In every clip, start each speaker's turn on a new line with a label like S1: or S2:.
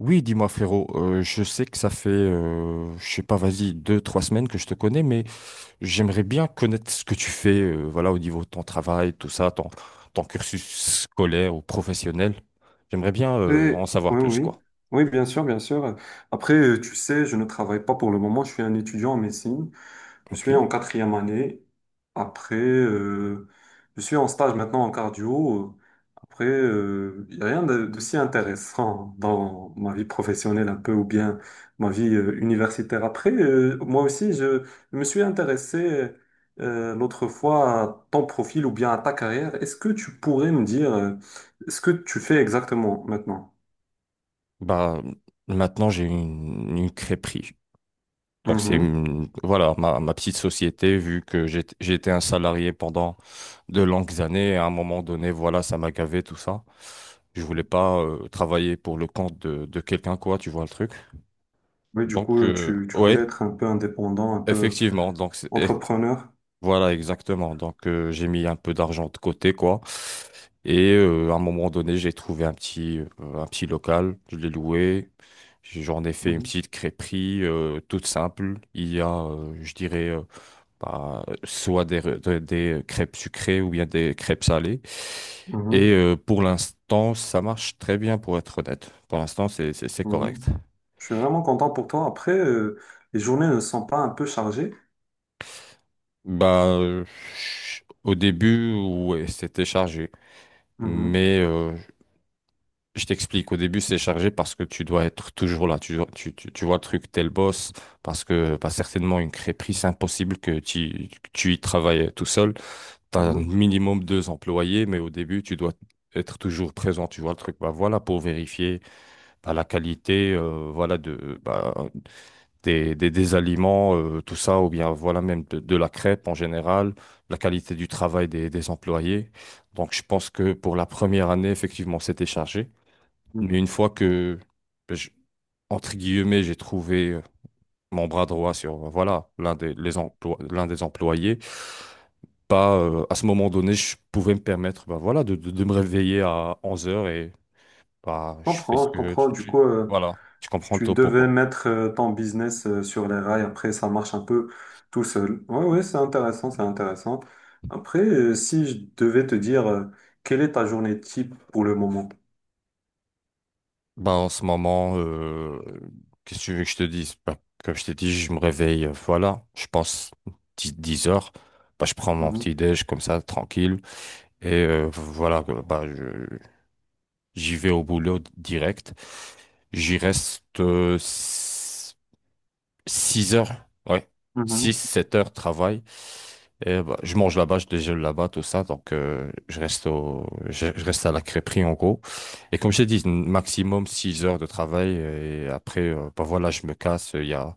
S1: Oui, dis-moi frérot, je sais que ça fait, je sais pas, vas-y, deux, trois semaines que je te connais, mais j'aimerais bien connaître ce que tu fais, voilà, au niveau de ton travail, tout ça, ton cursus scolaire ou professionnel. J'aimerais bien,
S2: Oui,
S1: en savoir
S2: oui,
S1: plus,
S2: oui,
S1: quoi.
S2: oui, bien sûr, bien sûr. Après, tu sais, je ne travaille pas pour le moment. Je suis un étudiant en médecine. Je
S1: Ok.
S2: suis en quatrième année. Après, je suis en stage maintenant en cardio. Après, il n'y a rien de si intéressant dans ma vie professionnelle un peu ou bien ma vie universitaire. Après, moi aussi, je me suis intéressé l'autre fois à ton profil ou bien à ta carrière. Est-ce que tu pourrais me dire, ce que tu fais exactement maintenant?
S1: Bah, maintenant j'ai une crêperie. Donc
S2: Mhm.
S1: voilà ma petite société vu que j'ai été un salarié pendant de longues années et à un moment donné voilà ça m'a gavé tout ça. Je voulais pas travailler pour le compte de quelqu'un quoi, tu vois le truc.
S2: Oui, du coup,
S1: Donc
S2: tu voulais
S1: ouais,
S2: être un peu indépendant, un peu
S1: effectivement.
S2: entrepreneur.
S1: Voilà exactement. Donc j'ai mis un peu d'argent de côté quoi. Et à un moment donné, j'ai trouvé un petit un petit local, je l'ai loué. J'en ai fait une
S2: Mhm.
S1: petite crêperie toute simple. Il y a, je dirais bah, soit des crêpes sucrées ou bien des crêpes salées. Et
S2: Mhm.
S1: pour l'instant, ça marche très bien pour être honnête. Pour l'instant, c'est
S2: Mhm.
S1: correct.
S2: Je suis vraiment content pour toi. Après, les journées ne sont pas un peu chargées.
S1: Bah, au début, ouais, c'était chargé.
S2: Mhm.
S1: Mais je t'explique, au début, c'est chargé parce que tu dois être toujours là. Tu vois le truc, t'es le boss. Parce que bah, certainement, une crêperie, c'est impossible que que tu y travailles tout seul. Tu as un
S2: Mhm.
S1: minimum deux employés, mais au début, tu dois être toujours présent, tu vois le truc. Bah, voilà, pour vérifier bah, la qualité, voilà, bah, des aliments, tout ça, ou bien voilà même de la crêpe en général, la qualité du travail des employés. Donc, je pense que pour la première année, effectivement, c'était chargé.
S2: Mhm.
S1: Mais une fois que, bah, je- entre guillemets, j'ai trouvé mon bras droit sur voilà, l'un des employés, pas, à ce moment donné, je pouvais me permettre bah, voilà, de me réveiller à onze heures et bah,
S2: Je
S1: je fais
S2: comprends,
S1: ce
S2: je
S1: que
S2: comprends.
S1: tu,
S2: Du
S1: tu-
S2: coup,
S1: voilà, tu comprends le
S2: tu
S1: topo,
S2: devais
S1: quoi.
S2: mettre ton business sur les rails. Après, ça marche un peu tout seul. Oui, oui, c'est intéressant, c'est intéressant. Après, si je devais te dire, quelle est ta journée type pour le moment?
S1: Bah, en ce moment, qu'est-ce que tu veux que je te dise? Bah, comme je t'ai dit, je me réveille, voilà, je pense 10, 10 heures. Bah, je prends mon petit
S2: Mhm.
S1: déj comme ça, tranquille. Et voilà, j'y vais au boulot direct. J'y reste 6 heures, ouais. Six
S2: Mhm.
S1: 7 heures de travail. Et bah, je mange là-bas, je déjeune là-bas, tout ça. Donc, je reste à la crêperie, en gros. Et comme j'ai dit, maximum 6 heures de travail. Et après, bah voilà, je me casse.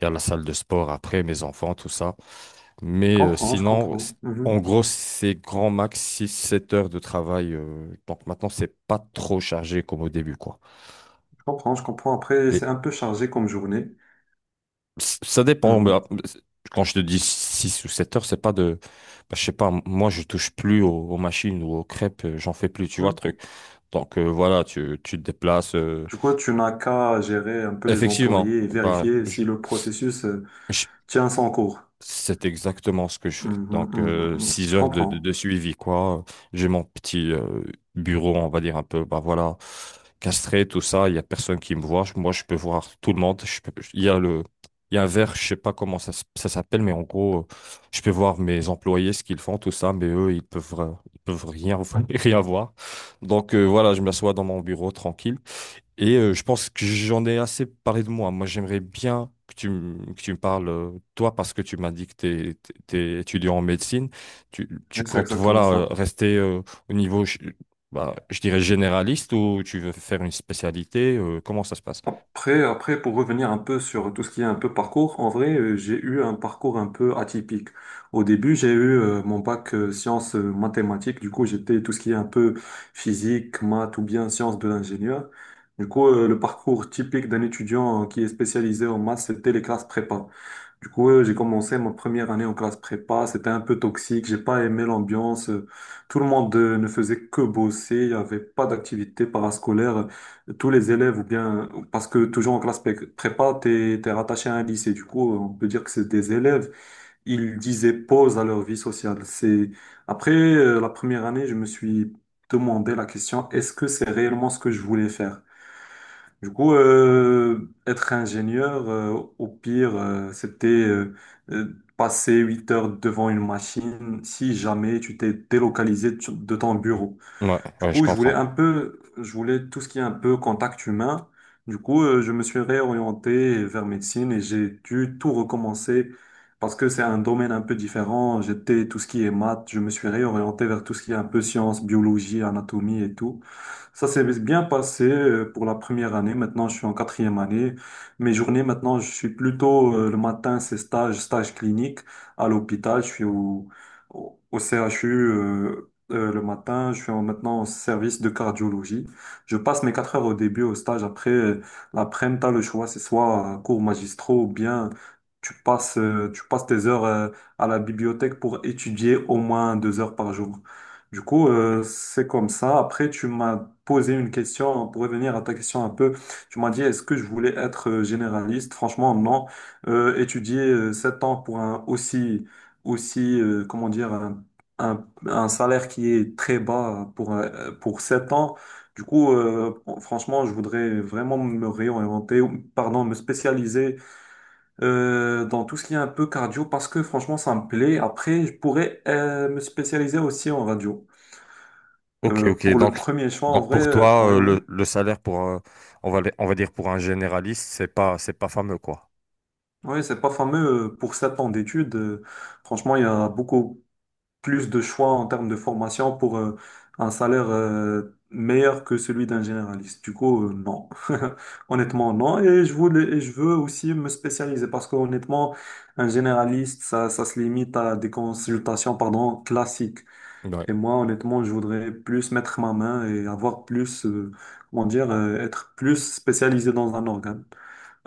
S1: Il y a la salle de sport après, mes enfants, tout ça.
S2: Je
S1: Mais
S2: comprends, je comprends.
S1: en gros, c'est grand max six sept heures de travail. Donc maintenant, c'est pas trop chargé comme au début, quoi.
S2: Je comprends, je comprends. Après, c'est un peu chargé comme journée.
S1: Ça dépend. Mais,
S2: Mhm.
S1: quand je te dis 6 ou 7 heures, c'est pas de. Bah, je sais pas, moi, je touche plus aux, aux machines ou aux crêpes, j'en fais plus, tu vois, le
S2: Mhm.
S1: truc. Donc voilà, tu te déplaces.
S2: Du coup, tu n'as qu'à gérer un peu les
S1: Effectivement,
S2: employés et
S1: bah,
S2: vérifier si le processus,
S1: je
S2: tient son cours.
S1: c'est exactement ce que je fais.
S2: Mhm,
S1: Donc,
S2: mhm, mhm.
S1: six
S2: Je
S1: heures
S2: comprends.
S1: de suivi, quoi. J'ai mon petit bureau, on va dire un peu, bah voilà, castré, tout ça. Il y a personne qui me voit. Moi, je peux voir tout le monde. Il y a il y a un verre, je sais pas ça s'appelle, mais en gros, je peux voir mes employés, ce qu'ils font, tout ça, mais eux, ils peuvent rien, rien voir. Donc, voilà, je m'assois dans mon bureau tranquille. Et je pense que j'en ai assez parlé de moi. Moi, j'aimerais bien que tu me parles, toi, parce que tu m'as dit que tu es, t'es t'es étudiant en médecine. Tu
S2: Mais c'est
S1: comptes,
S2: exactement
S1: voilà,
S2: ça.
S1: rester au niveau, bah, je dirais, généraliste ou tu veux faire une spécialité? Comment ça se passe?
S2: Après, pour revenir un peu sur tout ce qui est un peu parcours, en vrai, j'ai eu un parcours un peu atypique. Au début, j'ai eu, mon bac, sciences, mathématiques. Du coup, j'étais tout ce qui est un peu physique, maths ou bien sciences de l'ingénieur. Du coup, le parcours typique d'un étudiant, qui est spécialisé en maths, c'était les classes prépa. Du coup, j'ai commencé ma première année en classe prépa. C'était un peu toxique. J'ai pas aimé l'ambiance. Tout le monde ne faisait que bosser. Il n'y avait pas d'activité parascolaire. Tous les élèves ou bien, parce que toujours en prépa, t'es rattaché à un lycée. Du coup, on peut dire que c'est des élèves. Ils disaient pause à leur vie sociale. C'est, après, la première année, je me suis demandé la question, est-ce que c'est réellement ce que je voulais faire? Du coup, être ingénieur, au pire, c'était, passer huit heures devant une machine si jamais tu t'es délocalisé de ton bureau.
S1: Ouais,
S2: Du
S1: ouais, je
S2: coup,
S1: comprends.
S2: je voulais tout ce qui est un peu contact humain. Du coup, je me suis réorienté vers médecine et j'ai dû tout recommencer parce que c'est un domaine un peu différent. J'étais tout ce qui est maths, je me suis réorienté vers tout ce qui est un peu sciences, biologie, anatomie et tout. Ça s'est bien passé, pour la première année. Maintenant, je suis en quatrième année. Mes journées, maintenant, je suis plutôt, le matin, c'est stage clinique à l'hôpital. Je suis au CHU, le matin. Maintenant au service de cardiologie. Je passe mes quatre heures au début au stage. Après, l'après-midi, t'as le choix. C'est soit, cours magistraux ou bien tu passes tes heures, à la bibliothèque pour étudier au moins deux heures par jour. Du coup, c'est comme ça. Après, tu m'as posé une question pour revenir à ta question un peu. Tu m'as dit, est-ce que je voulais être, généraliste? Franchement, non. Étudier sept ans pour un aussi, comment dire, un salaire qui est très bas pour sept ans. Du coup, franchement, je voudrais vraiment me réorienter, pardon, me spécialiser dans tout ce qui est un peu cardio parce que franchement, ça me plaît. Après, je pourrais, me spécialiser aussi en radio.
S1: Ok, ok.
S2: Pour le premier choix, en
S1: Donc
S2: vrai,
S1: pour toi,
S2: oui, oui.
S1: le salaire pour, on va, on va dire pour un généraliste, c'est pas fameux, quoi.
S2: Oui, c'est pas fameux, pour sept ans d'études. Franchement, il y a beaucoup plus de choix en termes de formation pour, un salaire meilleur que celui d'un généraliste. Du coup, non. Honnêtement, non. Et et je veux aussi me spécialiser parce qu'honnêtement, un généraliste, ça se limite à des consultations, pardon, classiques.
S1: Ouais,
S2: Et moi, honnêtement, je voudrais plus mettre ma main et avoir plus, comment dire, être plus spécialisé dans un organe.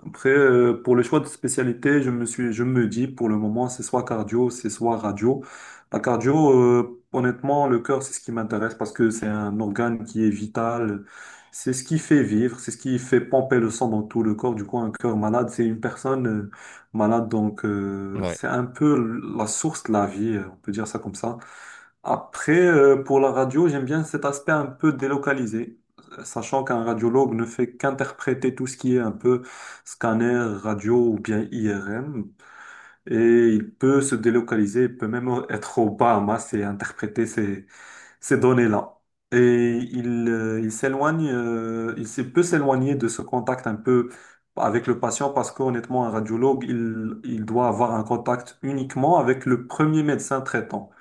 S2: Après, pour le choix de spécialité, je me dis pour le moment, c'est soit cardio, c'est soit radio. La cardio, honnêtement, le cœur, c'est ce qui m'intéresse parce que c'est un organe qui est vital. C'est ce qui fait vivre, c'est ce qui fait pomper le sang dans tout le corps. Du coup, un cœur malade, c'est une personne, malade. Donc,
S1: ouais.
S2: c'est un peu la source de la vie, on peut dire ça comme ça. Après, pour la radio, j'aime bien cet aspect un peu délocalisé, sachant qu'un radiologue ne fait qu'interpréter tout ce qui est un peu scanner, radio ou bien IRM, et il peut se délocaliser, il peut même être au Bahamas et interpréter ces données-là. Et il s'éloigne, peut s'éloigner de ce contact un peu avec le patient parce qu'honnêtement, un radiologue, il doit avoir un contact uniquement avec le premier médecin traitant.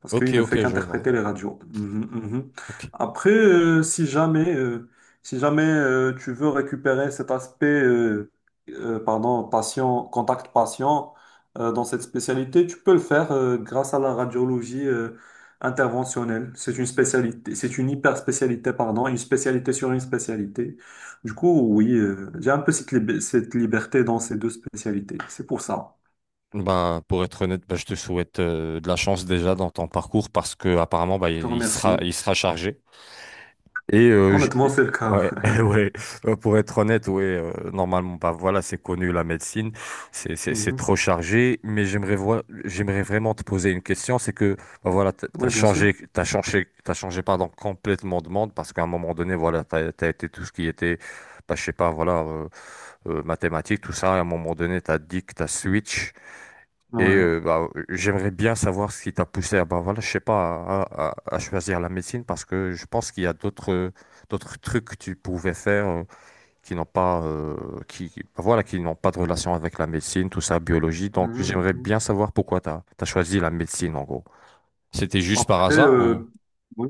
S2: Parce
S1: Ok,
S2: qu'il ne fait
S1: ok, je vois.
S2: qu'interpréter les radios. Mhm, mhm.
S1: Ok.
S2: Après, si jamais, tu veux récupérer cet aspect, pardon, contact patient, dans cette spécialité, tu peux le faire, grâce à la radiologie, interventionnelle. C'est une hyper spécialité, pardon, une spécialité sur une spécialité. Du coup, oui, j'ai un peu cette liberté dans ces deux spécialités. C'est pour ça.
S1: Ben, pour être honnête, ben, je te souhaite de la chance déjà dans ton parcours parce que apparemment ben,
S2: Je te remercie.
S1: il sera chargé. Et
S2: Honnêtement, c'est le cas.
S1: ouais, ouais. Ben, pour être honnête, ouais, normalement, ben, voilà, c'est connu la médecine, c'est
S2: Mhm.
S1: trop chargé. Mais j'aimerais voir, j'aimerais vraiment te poser une question, c'est que ben, voilà,
S2: Oui, bien sûr.
S1: t'as changé pardon complètement de monde parce qu'à un moment donné, voilà, t'as été tout ce qui était, ben, je sais pas, voilà, mathématiques, tout ça. Et à un moment donné, t'as dit que t'as switch. Et
S2: Ouais.
S1: bah, j'aimerais bien savoir ce qui t'a poussé à, bah, voilà, je sais pas, à choisir la médecine parce que je pense qu'il y a d'autres d'autres trucs que tu pouvais faire qui n'ont pas bah, voilà qui n'ont pas de relation avec la médecine, tout ça, biologie. Donc
S2: Mhm,
S1: j'aimerais
S2: mhm.
S1: bien savoir pourquoi t'as choisi la médecine en gros. C'était juste par
S2: Après,
S1: hasard ou?
S2: oui.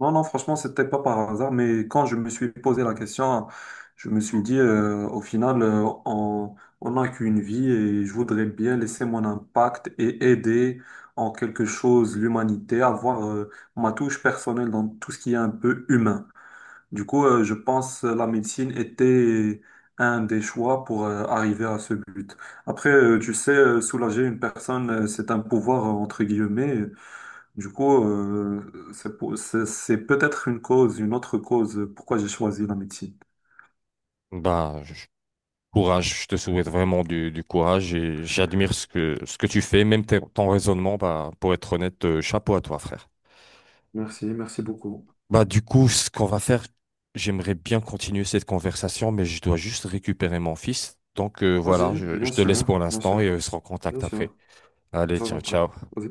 S2: Non, non, franchement, c'était pas par hasard, mais quand je me suis posé la question, je me suis dit, au final, on n'a qu'une vie et je voudrais bien laisser mon impact et aider en quelque chose l'humanité, avoir, ma touche personnelle dans tout ce qui est un peu humain. Du coup, je pense la médecine était un des choix pour, arriver à ce but. Après, tu sais, soulager une personne, c'est un pouvoir, entre guillemets. Du coup, c'est peut-être une cause, une autre cause, pourquoi j'ai choisi la médecine.
S1: Bah, je- Courage, je te souhaite vraiment du courage et j'admire ce que tu fais, ton raisonnement. Bah, pour être honnête, chapeau à toi, frère.
S2: Merci, merci beaucoup.
S1: Bah, du coup, ce qu'on va faire, j'aimerais bien continuer cette conversation, mais je dois juste récupérer mon fils. Donc, voilà,
S2: Vas-y,
S1: je
S2: bien
S1: te laisse pour
S2: sûr, bien
S1: l'instant et on
S2: sûr,
S1: se
S2: bien
S1: recontacte après.
S2: sûr.
S1: Allez,
S2: Ça
S1: ciao,
S2: rentre.
S1: ciao.
S2: Vas-y.